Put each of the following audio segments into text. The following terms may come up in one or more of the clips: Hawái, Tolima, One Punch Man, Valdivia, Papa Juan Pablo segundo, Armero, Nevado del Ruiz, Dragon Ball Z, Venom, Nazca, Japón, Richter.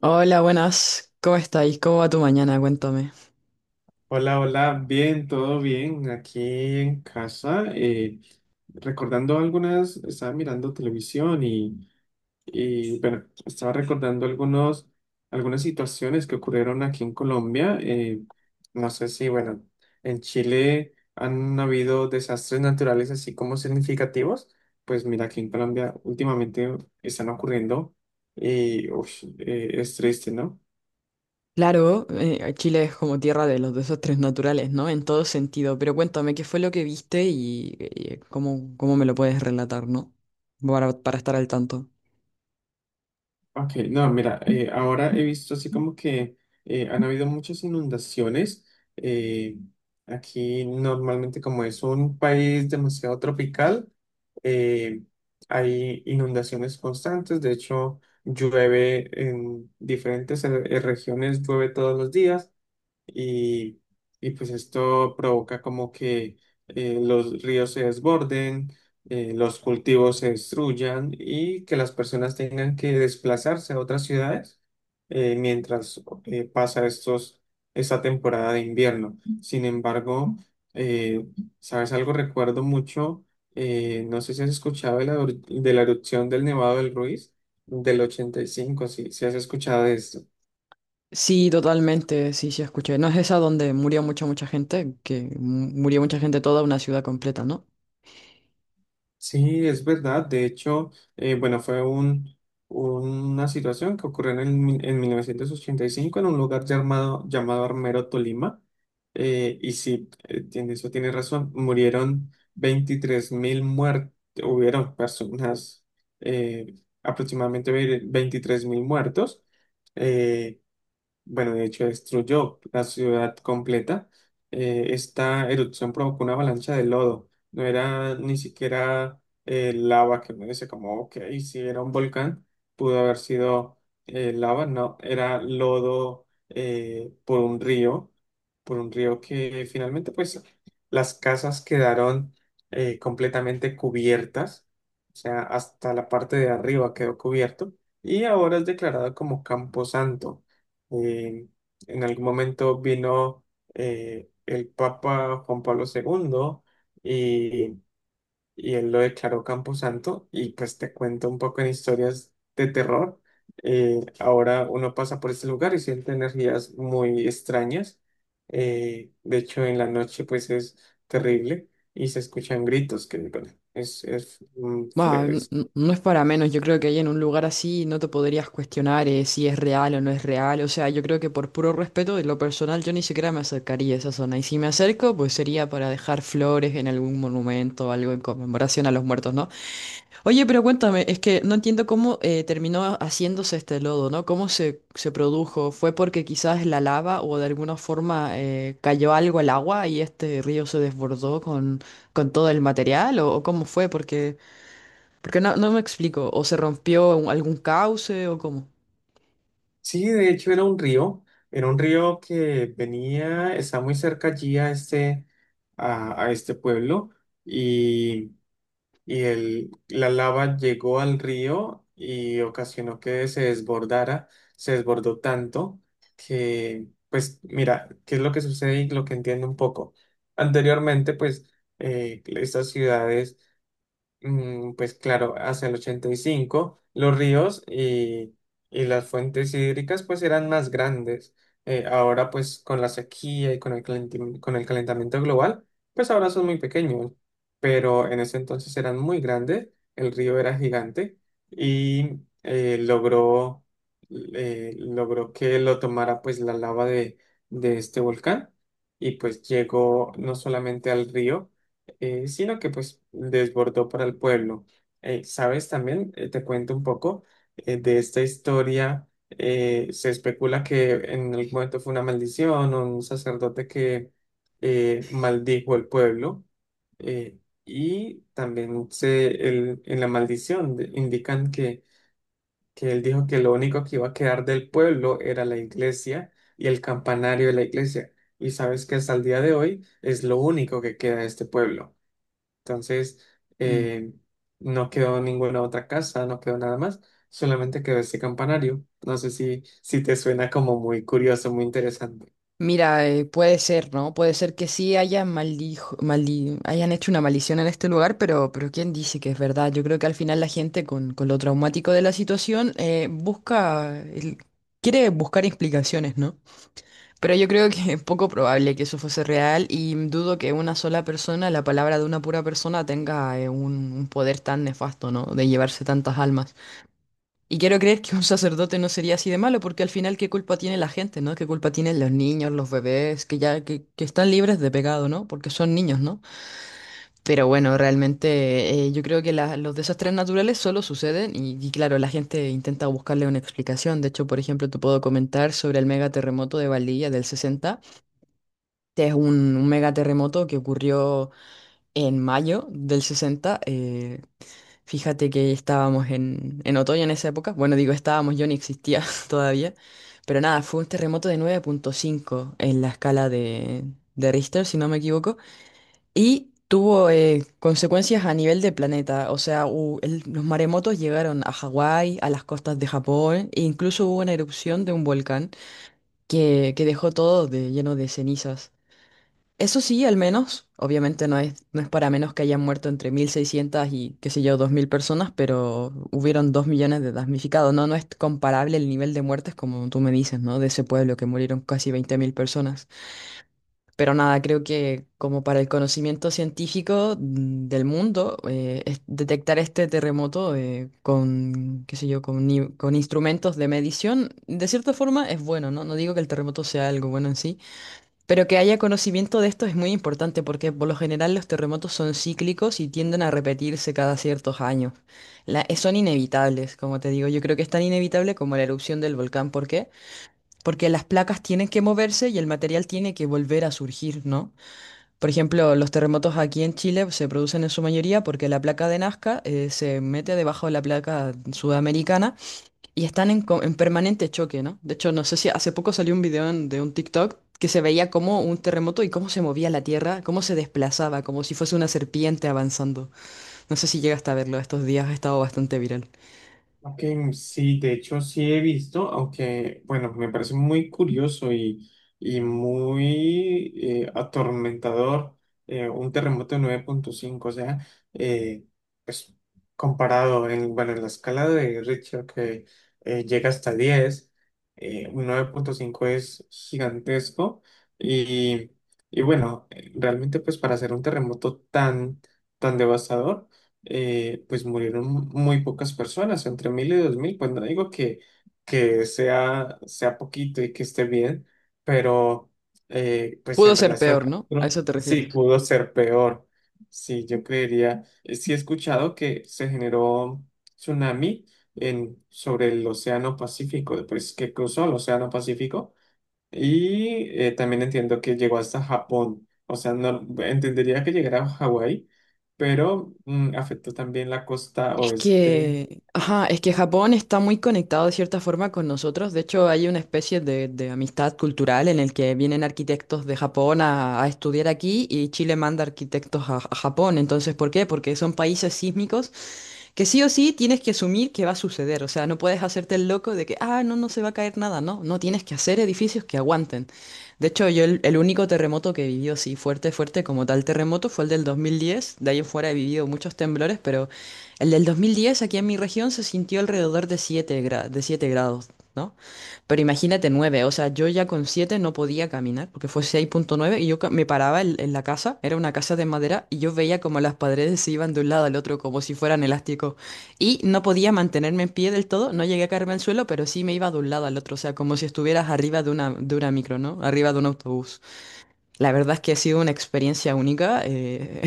Hola, buenas. ¿Cómo estáis? ¿Cómo va tu mañana? Cuéntame. Hola, hola, bien, todo bien, aquí en casa. Recordando estaba mirando televisión y, bueno, estaba recordando algunas situaciones que ocurrieron aquí en Colombia. No sé si, bueno, en Chile han habido desastres naturales así como significativos. Pues mira, aquí en Colombia últimamente están ocurriendo y uf, es triste, ¿no? Claro, Chile es como tierra de los desastres naturales, ¿no? En todo sentido. Pero cuéntame, ¿qué fue lo que viste y, cómo, cómo me lo puedes relatar, ¿no? Para estar al tanto. Ok, no, mira, ahora he visto así como que han habido muchas inundaciones. eh, Aquí normalmente como es un país demasiado tropical, eh, hay inundaciones constantes. De hecho, llueve en diferentes regiones, llueve todos los días y, y pues esto provoca como que los ríos se desborden, los cultivos se destruyan y que las personas tengan que desplazarse a otras ciudades mientras pasa esta temporada de invierno. Sin embargo, eh, ¿sabes algo? Recuerdo mucho, no sé si has escuchado de la erupción del Nevado del Ruiz del 85. Si has escuchado de esto. Sí, totalmente, sí, sí, escuché. ¿No es esa donde murió mucha, mucha gente, que murió mucha gente, toda una ciudad completa, ¿no? Sí, es verdad. De hecho, bueno, fue una situación que ocurrió en 1985 en un lugar llamado Armero, Tolima. Y sí, eso tiene razón. Murieron 23.000 muertos, hubieron personas, eh, aproximadamente 23.000 muertos. eh, bueno, de hecho destruyó la ciudad completa. Esta erupción provocó una avalancha de lodo. No era ni siquiera lava, que uno dice como, ok, si era un volcán, pudo haber sido lava. No, era lodo por un río que finalmente pues las casas quedaron completamente cubiertas. O sea, hasta la parte de arriba quedó cubierto, y ahora es declarado como camposanto. Eh, en algún momento vino el Papa Juan Pablo II, y, y él lo declaró Camposanto, y pues te cuento un poco en historias de terror. Ahora uno pasa por este lugar y siente energías muy extrañas. De hecho, en la noche pues es terrible y se escuchan gritos que, bueno, es Bah, feo. No es para menos, yo creo que ahí en un lugar así no te podrías cuestionar si es real o no es real, o sea, yo creo que por puro respeto, en lo personal, yo ni siquiera me acercaría a esa zona, y si me acerco, pues sería para dejar flores en algún monumento o algo en conmemoración a los muertos, ¿no? Oye, pero cuéntame, es que no entiendo cómo terminó haciéndose este lodo, ¿no? ¿Cómo se produjo? ¿Fue porque quizás la lava o de alguna forma cayó algo al agua y este río se desbordó con todo el material, o cómo fue? Porque... Porque no, no me explico, o se rompió algún cauce o cómo. Sí, de hecho era un río, que venía, está muy cerca allí a este pueblo, y, y la lava llegó al río y ocasionó que se desbordara, se desbordó tanto que, pues mira, ¿qué es lo que sucede y lo que entiendo un poco? Anteriormente, pues estas ciudades pues claro, hacia el 85 los ríos y las fuentes hídricas pues eran más grandes. Ahora pues con la sequía y con el calentamiento global, pues ahora son muy pequeños, pero en ese entonces eran muy grandes, el río era gigante, y logró que lo tomara pues la lava de este volcán, y pues llegó no solamente al río, sino que pues desbordó para el pueblo. ¿Sabes? También te cuento un poco de esta historia. Se especula que en algún momento fue una maldición, o un sacerdote que maldijo al pueblo. eh, y también en la maldición indican que él dijo que lo único que iba a quedar del pueblo era la iglesia y el campanario de la iglesia. Y sabes que hasta el día de hoy es lo único que queda de este pueblo. Entonces, Mm. eh, no quedó ninguna otra casa, no quedó nada más, solamente quedó ese campanario. No sé si te suena como muy curioso, muy interesante. Mira, puede ser, ¿no? Puede ser que sí hayan hayan hecho una maldición en este lugar, pero ¿quién dice que es verdad? Yo creo que al final la gente con lo traumático de la situación busca, quiere buscar explicaciones, ¿no? Pero yo creo que es poco probable que eso fuese real y dudo que una sola persona, la palabra de una pura persona, tenga un poder tan nefasto, ¿no? De llevarse tantas almas. Y quiero creer que un sacerdote no sería así de malo, porque al final, ¿qué culpa tiene la gente, no? ¿Qué culpa tienen los niños, los bebés, que ya que están libres de pecado, ¿no? Porque son niños, ¿no? Pero bueno, realmente yo creo que los desastres naturales solo suceden y claro, la gente intenta buscarle una explicación. De hecho, por ejemplo, te puedo comentar sobre el megaterremoto de Valdivia del 60. Este es un megaterremoto que ocurrió en mayo del 60. Fíjate que estábamos en otoño en esa época. Bueno, digo estábamos, yo ni existía todavía. Pero nada, fue un terremoto de 9,5 en la escala de Richter, si no me equivoco. Y tuvo consecuencias a nivel de planeta. O sea, los maremotos llegaron a Hawái, a las costas de Japón, e incluso hubo una erupción de un volcán que dejó todo de, lleno de cenizas. Eso sí, al menos, obviamente no es, no es para menos que hayan muerto entre 1.600 y, qué sé yo, 2.000 personas, pero hubieron 2 millones de damnificados, ¿no? No es comparable el nivel de muertes como tú me dices, ¿no? De ese pueblo que murieron casi 20.000 personas. Pero nada, creo que como para el conocimiento científico mm, del mundo, detectar este terremoto con, qué sé yo, con, ni- con instrumentos de medición, de cierta forma es bueno, ¿no? No digo que el terremoto sea algo bueno en sí, pero que haya conocimiento de esto es muy importante porque por lo general los terremotos son cíclicos y tienden a repetirse cada ciertos años. Son inevitables, como te digo. Yo creo que es tan inevitable como la erupción del volcán. ¿Por qué? Porque las placas tienen que moverse y el material tiene que volver a surgir, ¿no? Por ejemplo, los terremotos aquí en Chile se producen en su mayoría porque la placa de Nazca se mete debajo de la placa sudamericana. Y están en, en permanente choque, ¿no? De hecho, no sé si hace poco salió un video de un TikTok que se veía como un terremoto y cómo se movía la tierra, cómo se desplazaba, como si fuese una serpiente avanzando. No sé si llegaste a verlo estos días, ha estado bastante viral. Ok, sí, de hecho sí he visto, aunque bueno, me parece muy curioso y muy atormentador. Un terremoto de 9,5, o sea, eh, pues comparado en la escala de Richter, que llega hasta 10, un 9,5 es gigantesco, y, y bueno, realmente pues para hacer un terremoto tan, tan devastador, pues murieron muy pocas personas, entre 1.000 y 2.000; pues no digo que sea poquito y que esté bien, pero pues Pudo en ser relación peor, a ¿no? ¿A otros, eso te sí refieres? pudo ser peor. Sí, yo creería, sí he escuchado que se generó tsunami sobre el Océano Pacífico, pues que cruzó el Océano Pacífico, y también entiendo que llegó hasta Japón. O sea, no entendería que llegara a Hawái, pero afectó también la costa Es oeste. que, ajá, es que Japón está muy conectado de cierta forma con nosotros. De hecho, hay una especie de amistad cultural en el que vienen arquitectos de Japón a estudiar aquí y Chile manda arquitectos a Japón. Entonces, ¿por qué? Porque son países sísmicos que sí o sí tienes que asumir que va a suceder. O sea, no puedes hacerte el loco de que, ah, no, no se va a caer nada. No, no tienes que hacer edificios que aguanten. De hecho, yo el único terremoto que he vivido así fuerte, fuerte como tal terremoto fue el del 2010. De ahí en fuera he vivido muchos temblores, pero el del 2010 aquí en mi región se sintió alrededor de de 7 grados. ¿No? Pero imagínate nueve, o sea, yo ya con siete no podía caminar porque fue 6,9 y yo me paraba en la casa, era una casa de madera y yo veía como las paredes se iban de un lado al otro como si fueran elásticos y no podía mantenerme en pie del todo, no llegué a caerme al suelo, pero sí me iba de un lado al otro, o sea, como si estuvieras arriba de una micro, ¿no? Arriba de un autobús. La verdad es que ha sido una experiencia única. eh,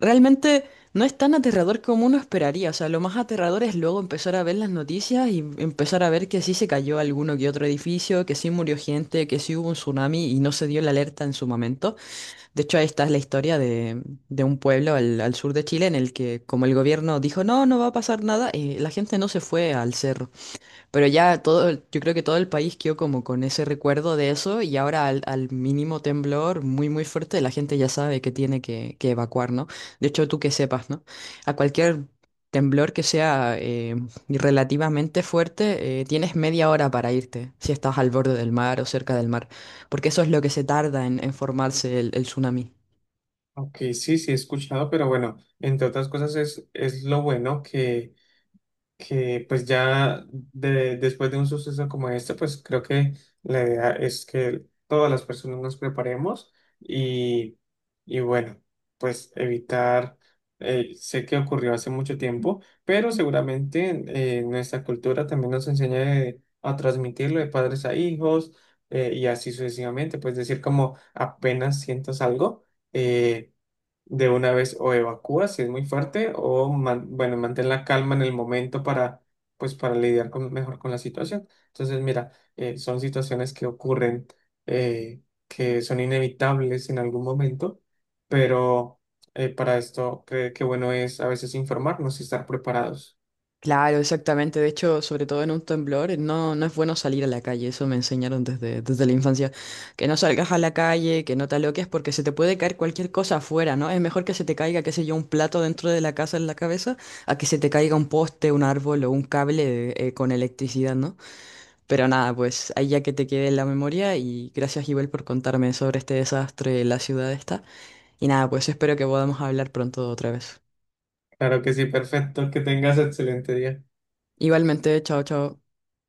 Realmente no es tan aterrador como uno esperaría. O sea, lo más aterrador es luego empezar a ver las noticias y empezar a ver que sí se cayó alguno que otro edificio, que sí murió gente, que sí hubo un tsunami y no se dio la alerta en su momento. De hecho, ahí está la historia de un pueblo al, al sur de Chile en el que, como el gobierno dijo, no, no va a pasar nada, la gente no se fue al cerro. Pero ya todo, yo creo que todo el país quedó como con ese recuerdo de eso y ahora al, al mínimo temblor muy muy fuerte la gente ya sabe que tiene que evacuar, ¿no? De hecho, tú que sepas, ¿no? A cualquier temblor que sea relativamente fuerte, tienes media hora para irte, si estás al borde del mar o cerca del mar, porque eso es lo que se tarda en formarse el tsunami. Ok, sí, sí he escuchado, pero bueno, entre otras cosas es lo bueno que pues ya después de un suceso como este, pues creo que la idea es que todas las personas nos preparemos, y, y bueno, pues evitar, sé que ocurrió hace mucho tiempo, pero seguramente nuestra cultura también nos enseña a transmitirlo de padres a hijos y así sucesivamente, pues decir como apenas sientas algo, eh, de una vez, o evacúa si es muy fuerte, o bueno, mantén la calma en el momento para para lidiar mejor con la situación. Entonces, mira, son situaciones que ocurren, eh, que son inevitables en algún momento, pero para esto qué bueno es a veces informarnos y estar preparados. Claro, exactamente. De hecho, sobre todo en un temblor, no, no es bueno salir a la calle. Eso me enseñaron desde, desde la infancia. Que no salgas a la calle, que no te aloques, porque se te puede caer cualquier cosa afuera, ¿no? Es mejor que se te caiga, qué sé yo, un plato dentro de la casa en la cabeza, a que se te caiga un poste, un árbol o un cable con electricidad, ¿no? Pero nada, pues ahí ya que te quede en la memoria y gracias, Ibel, por contarme sobre este desastre en la ciudad esta. Y nada, pues espero que podamos hablar pronto otra vez. Claro que sí, perfecto, que tengas excelente día. Igualmente, chao, chao.